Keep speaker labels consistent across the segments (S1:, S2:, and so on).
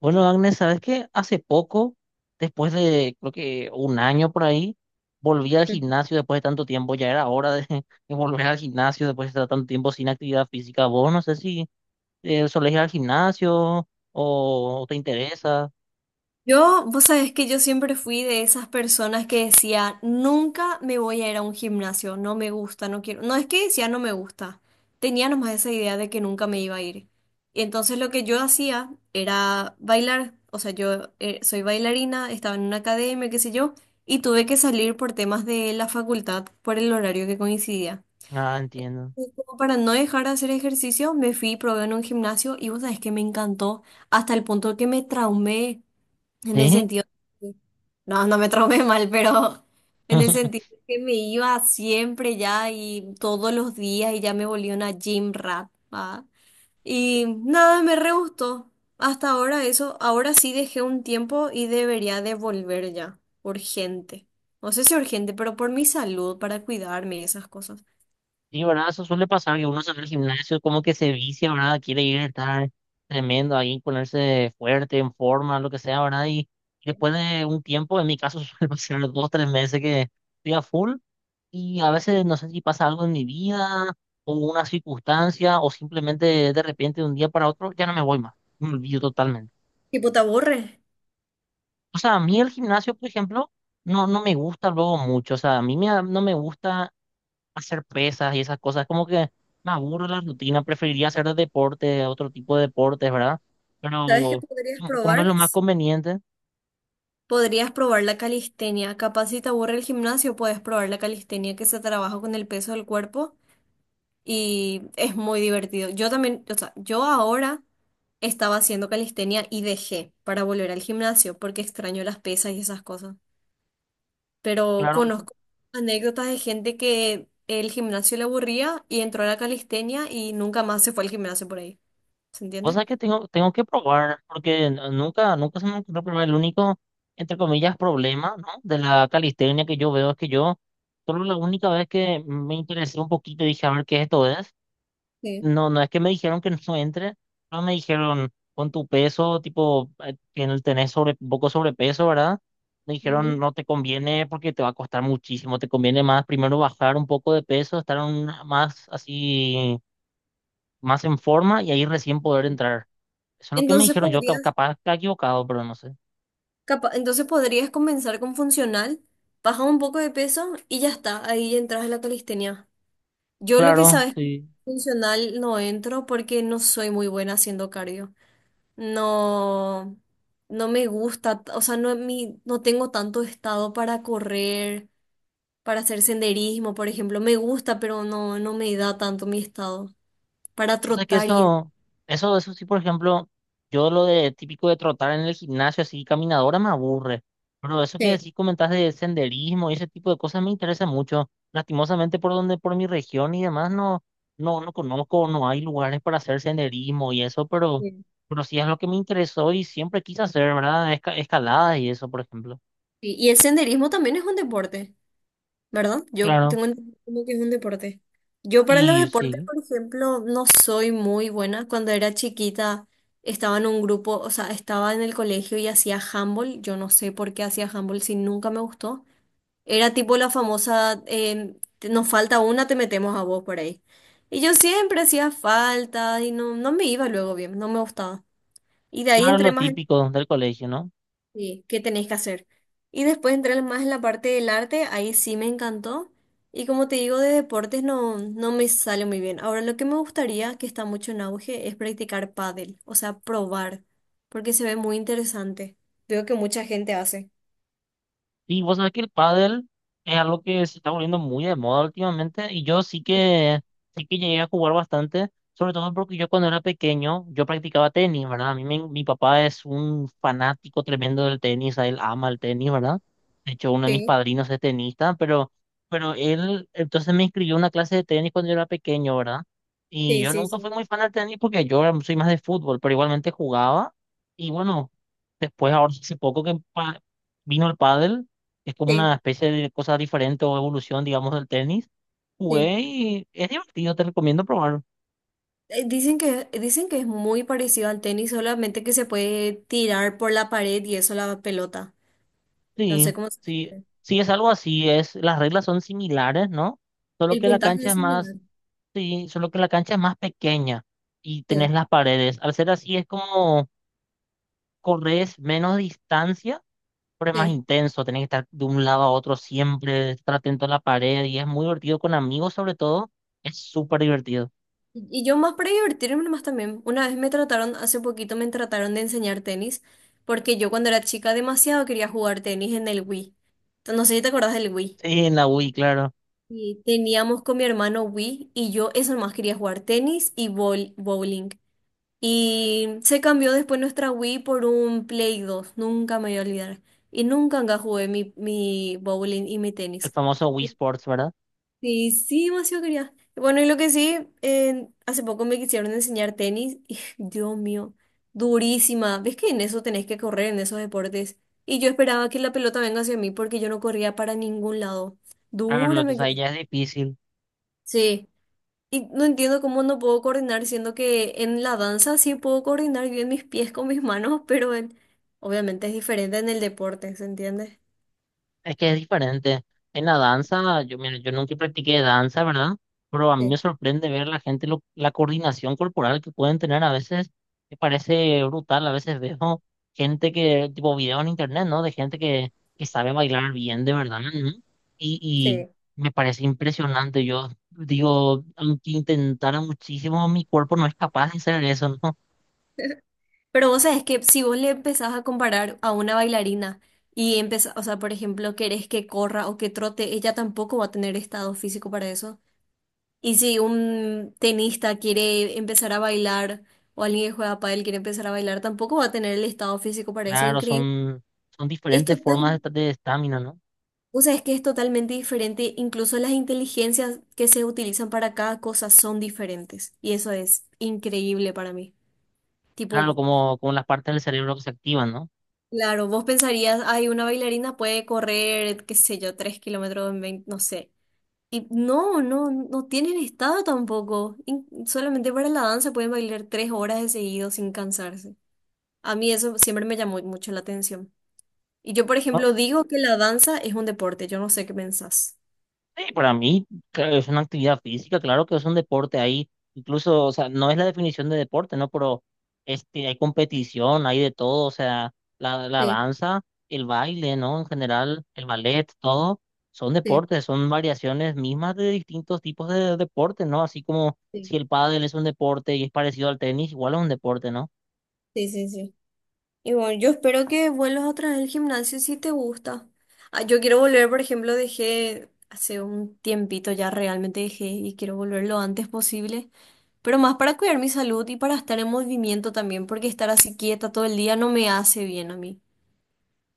S1: Bueno, Agnes, ¿sabes qué? Hace poco, después de creo que un año por ahí, volví al gimnasio después de tanto tiempo. Ya era hora de, de volver al gimnasio después de estar tanto tiempo sin actividad física. Vos no sé si solés ir al gimnasio o te interesa.
S2: Yo, vos sabés que yo siempre fui de esas personas que decía, nunca me voy a ir a un gimnasio, no me gusta, no quiero. No es que decía no me gusta, tenía nomás esa idea de que nunca me iba a ir. Y entonces lo que yo hacía era bailar, o sea, yo soy bailarina, estaba en una academia, qué sé yo, y tuve que salir por temas de la facultad, por el horario que coincidía.
S1: Ah, entiendo.
S2: Y como para no dejar de hacer ejercicio, me fui y probé en un gimnasio y vos sabés que me encantó hasta el punto que me traumé. En el
S1: ¿Sí?
S2: sentido, no me traumé mal, pero en el sentido que me iba siempre ya y todos los días y ya me volví una gym rat, ¿va? Y nada, me re gustó. Hasta ahora eso, ahora sí dejé un tiempo y debería de volver ya, urgente. No sé si urgente, pero por mi salud, para cuidarme y esas cosas.
S1: Sí, ¿verdad? Eso suele pasar que uno se va al gimnasio como que se vicia, ¿verdad? Quiere ir a estar tremendo ahí, ponerse fuerte, en forma, lo que sea, ¿verdad? Y después de un tiempo, en mi caso, suele pasar dos, tres meses que estoy a full, y a veces no sé si pasa algo en mi vida o una circunstancia o simplemente de repente de un día para otro ya no me voy más, me olvido totalmente.
S2: Tipo, ¿te aburre?
S1: O sea, a mí el gimnasio, por ejemplo, no, no me gusta luego mucho, o sea, a mí me, no me gusta hacer pesas y esas cosas. Como que me aburro la rutina, preferiría hacer deporte, otro tipo de deportes, ¿verdad?
S2: ¿Sabes qué
S1: Pero
S2: podrías
S1: como como es
S2: probar?
S1: lo más conveniente,
S2: Podrías probar la calistenia. Capaz si te aburre el gimnasio, puedes probar la calistenia que se trabaja con el peso del cuerpo y es muy divertido. Yo también, o sea, yo ahora estaba haciendo calistenia y dejé para volver al gimnasio porque extraño las pesas y esas cosas. Pero
S1: claro,
S2: conozco anécdotas de gente que el gimnasio le aburría y entró a la calistenia y nunca más se fue al gimnasio por ahí. ¿Se entiende?
S1: cosas que tengo, tengo que probar, porque nunca, nunca se me ocurrió probar. El único, entre comillas, problema, ¿no? De la calistenia que yo veo es que yo, solo la única vez que me interesé un poquito y dije, a ver qué esto es.
S2: Sí.
S1: No, no es que me dijeron que no entre, no me dijeron con tu peso, tipo, que en tenés sobre, poco sobrepeso, ¿verdad? Me dijeron
S2: Ujú.
S1: no te conviene porque te va a costar muchísimo, te conviene más primero bajar un poco de peso, estar más así, más en forma y ahí recién poder entrar. Eso es lo que me
S2: Entonces
S1: dijeron, yo
S2: podrías
S1: capaz está equivocado, pero no sé.
S2: Capa- entonces podrías comenzar con funcional, bajas un poco de peso y ya está, ahí ya entras a la calistenia. Yo lo que
S1: Claro,
S2: sabes,
S1: sí.
S2: funcional no entro porque no soy muy buena haciendo cardio. No, no me gusta, o sea, no, mi, no tengo tanto estado para correr, para hacer senderismo, por ejemplo. Me gusta, pero no me da tanto mi estado para
S1: O sea que
S2: trotar y...
S1: eso sí, por ejemplo, yo lo de típico de trotar en el gimnasio, así caminadora, me aburre. Pero eso que
S2: Sí,
S1: sí comentas de senderismo y ese tipo de cosas me interesa mucho. Lastimosamente por donde, por mi región y demás, no, no, no conozco, no hay lugares para hacer senderismo y eso,
S2: sí.
S1: pero sí es lo que me interesó y siempre quise hacer, ¿verdad? Escaladas y eso, por ejemplo.
S2: Sí, y el senderismo también es un deporte. ¿Verdad? Yo
S1: Claro.
S2: tengo entendido que es un deporte. Yo para los
S1: Y
S2: deportes,
S1: sí,
S2: por ejemplo, no soy muy buena. Cuando era chiquita estaba en un grupo, o sea, estaba en el colegio y hacía handball. Yo no sé por qué hacía handball si nunca me gustó. Era tipo la famosa, te- nos falta una, te metemos a vos por ahí. Y yo siempre hacía falta y no me iba luego bien, no me gustaba. Y de ahí
S1: claro,
S2: entré
S1: lo
S2: más.
S1: típico del colegio, ¿no?
S2: Sí, ¿qué tenés que hacer? Y después entrar más en la parte del arte, ahí sí me encantó. Y como te digo, de deportes no me sale muy bien. Ahora, lo que me gustaría, que está mucho en auge, es practicar pádel, o sea, probar, porque se ve muy interesante. Veo que mucha gente hace.
S1: Y vos sabés que el pádel es algo que se está volviendo muy de moda últimamente y yo sí que llegué a jugar bastante, sobre todo porque yo cuando era pequeño yo practicaba tenis, ¿verdad? A mí mi papá es un fanático tremendo del tenis, a él ama el tenis, ¿verdad? De hecho, uno de mis
S2: Sí,
S1: padrinos es tenista, pero él entonces me inscribió a una clase de tenis cuando yo era pequeño, ¿verdad? Y
S2: sí,
S1: yo
S2: sí,
S1: nunca
S2: sí,
S1: fui muy fan del tenis porque yo soy más de fútbol, pero igualmente jugaba y bueno, después ahora hace poco que vino el pádel, es como una
S2: sí,
S1: especie de cosa diferente o evolución, digamos, del tenis.
S2: sí.
S1: Jugué y es divertido, te recomiendo probar.
S2: Dicen dicen que es muy parecido al tenis, solamente que se puede tirar por la pared y eso la pelota. No
S1: Sí,
S2: sé cómo se
S1: sí,
S2: dice.
S1: sí, es algo así, es, las reglas son similares, ¿no? Solo
S2: El
S1: que la
S2: puntaje
S1: cancha
S2: es
S1: es
S2: similar.
S1: más, sí, solo que la cancha es más pequeña y tenés
S2: Sí,
S1: las paredes. Al ser así es como corres menos distancia, pero es más
S2: sí.
S1: intenso, tenés que estar de un lado a otro siempre, estar atento a la pared y es muy divertido con amigos sobre todo, es súper divertido.
S2: Y yo más para divertirme más también. Una vez me trataron, hace poquito me trataron de enseñar tenis, porque yo cuando era chica demasiado quería jugar tenis en el Wii. Entonces, no sé si te acordás del Wii.
S1: Sí, en la Wii, claro,
S2: Y teníamos con mi hermano Wii y yo eso nomás quería jugar tenis y bowl- bowling. Y se cambió después nuestra Wii por un Play dos, nunca me voy a olvidar. Y nunca nunca jugué mi, mi bowling y mi
S1: el
S2: tenis.
S1: famoso Wii Sports, ¿verdad?
S2: Sí, sí, demasiado quería. Bueno, y lo que sí, hace poco me quisieron enseñar tenis y Dios mío, durísima. ¿Ves que en eso tenés que correr, en esos deportes? Y yo esperaba que la pelota venga hacia mí porque yo no corría para ningún lado.
S1: Claro,
S2: Dura me
S1: entonces ahí
S2: quedó.
S1: ya es difícil.
S2: Sí, y no entiendo cómo no puedo coordinar, siendo que en la danza sí puedo coordinar bien mis pies con mis manos, pero en- obviamente es diferente en el deporte, ¿se entiende?
S1: Es que es diferente. En la danza, yo, mira, yo nunca practiqué danza, ¿verdad? Pero a mí me
S2: Sí,
S1: sorprende ver la gente, la coordinación corporal que pueden tener a veces. Me parece brutal. A veces veo gente que, tipo videos en internet, ¿no? De gente que sabe bailar bien, de verdad, ¿no? Y, y
S2: sí.
S1: me parece impresionante. Yo digo, aunque intentara muchísimo, mi cuerpo no es capaz de hacer eso, ¿no?
S2: Pero vos sabés que si vos le empezás a comparar a una bailarina y empezás, o sea, por ejemplo, querés que corra o que trote, ella tampoco va a tener estado físico para eso. Y si un tenista quiere empezar a bailar o alguien que juega pádel quiere empezar a bailar, tampoco va a tener el estado físico para eso.
S1: Claro,
S2: Increíble.
S1: son, son
S2: Es
S1: diferentes formas
S2: total,
S1: de estamina, ¿no?
S2: o sea, es que es totalmente diferente. Incluso las inteligencias que se utilizan para cada cosa son diferentes. Y eso es increíble para mí.
S1: Claro,
S2: Tipo,
S1: como, como las partes del cerebro que se activan, ¿no?
S2: claro, vos pensarías, ay, una bailarina puede correr, qué sé yo, 3 kilómetros en 20, no sé. Y no tienen estado tampoco. In- solamente para la danza pueden bailar 3 horas de seguido sin cansarse. A mí eso siempre me llamó mucho la atención. Y yo, por
S1: No,
S2: ejemplo, digo que la danza es un deporte. Yo no sé qué pensás.
S1: sí, para mí, claro, es una actividad física, claro que es un deporte ahí, incluso, o sea, no es la definición de deporte, ¿no? Pero este, hay competición, hay de todo, o sea, la
S2: Sí,
S1: danza, el baile, ¿no? En general, el ballet, todo, son
S2: sí,
S1: deportes, son variaciones mismas de distintos tipos de deportes, ¿no? Así como si
S2: sí.
S1: el pádel es un deporte y es parecido al tenis, igual es un deporte, ¿no?
S2: Sí, sí, sí. Y bueno, yo espero que vuelvas otra vez al gimnasio si te gusta. Ah, yo quiero volver, por ejemplo, dejé hace un tiempito ya realmente dejé y quiero volver lo antes posible, pero más para cuidar mi salud y para estar en movimiento también, porque estar así quieta todo el día no me hace bien a mí.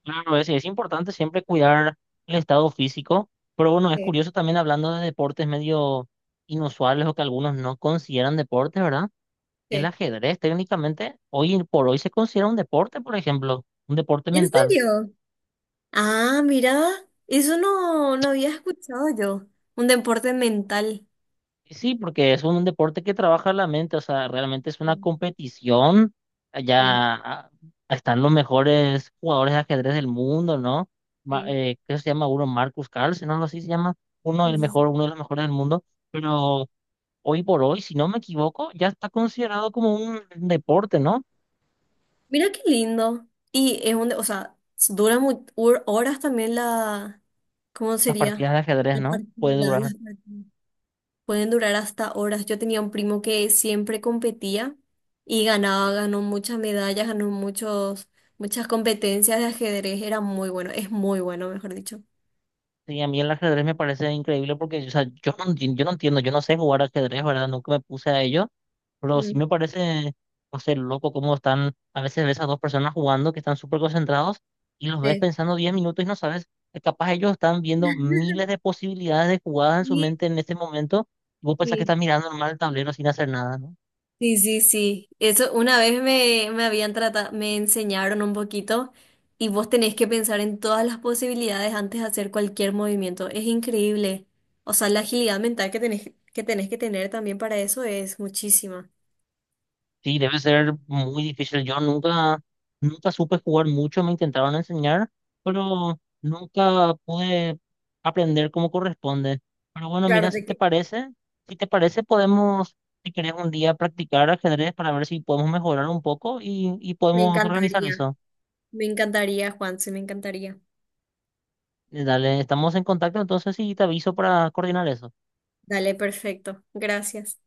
S1: Claro, es importante siempre cuidar el estado físico, pero bueno, es
S2: Sí,
S1: curioso también hablando de deportes medio inusuales o que algunos no consideran deportes, ¿verdad? El
S2: sí.
S1: ajedrez técnicamente hoy por hoy se considera un deporte, por ejemplo, un deporte
S2: ¿En
S1: mental.
S2: serio? Ah, mira, eso no, no había escuchado yo. Un deporte mental.
S1: Y sí, porque es un deporte que trabaja la mente, o sea, realmente es una
S2: Sí,
S1: competición.
S2: sí,
S1: Allá ah, están los mejores jugadores de ajedrez del mundo, ¿no?
S2: sí,
S1: ¿Qué se llama uno? Marcus Carlsen, ¿no? Algo así se llama. Uno,
S2: sí,
S1: el
S2: sí.
S1: mejor, uno de los mejores del mundo. Pero hoy por hoy, si no me equivoco, ya está considerado como un deporte, ¿no?
S2: Mira qué lindo. Y es un, o sea, dura mu- hor- horas también la, ¿cómo
S1: Las partidas
S2: sería?
S1: de ajedrez,
S2: La
S1: ¿no? Puede
S2: partida,
S1: durar.
S2: las partidas. Pueden durar hasta horas. Yo tenía un primo que siempre competía y ganaba, ganó muchas medallas, ganó muchos, muchas competencias de ajedrez. Era muy bueno, es muy bueno, mejor dicho.
S1: Sí, a mí el ajedrez me parece increíble porque, o sea, yo no, yo no entiendo, yo no sé jugar ajedrez, ¿verdad? Nunca me puse a ello, pero sí
S2: Mm,
S1: me parece, no sé, loco cómo están, a veces ves a dos personas jugando que están súper concentrados y los ves
S2: sí.
S1: pensando 10 minutos y no sabes, capaz ellos están viendo miles de posibilidades de jugadas en su
S2: Sí,
S1: mente en este momento y vos pensás que estás
S2: sí.
S1: mirando normal el tablero sin hacer nada, ¿no?
S2: Sí, sí, sí. Eso una vez me, me habían tratado, me enseñaron un poquito y vos tenés que pensar en todas las posibilidades antes de hacer cualquier movimiento. Es increíble. O sea, la agilidad mental que tenés que tener también para eso es muchísima.
S1: Sí, debe ser muy difícil. Yo nunca, nunca supe jugar mucho, me intentaron enseñar, pero nunca pude aprender como corresponde. Pero bueno,
S2: Claro,
S1: mira, si
S2: te
S1: te
S2: que-
S1: parece, si te parece, podemos, si querés un día practicar ajedrez para ver si podemos mejorar un poco y
S2: me
S1: podemos organizar
S2: encantaría.
S1: eso.
S2: Me encantaría, Juanse, me encantaría.
S1: Dale, estamos en contacto entonces y te aviso para coordinar eso.
S2: Dale, perfecto. Gracias.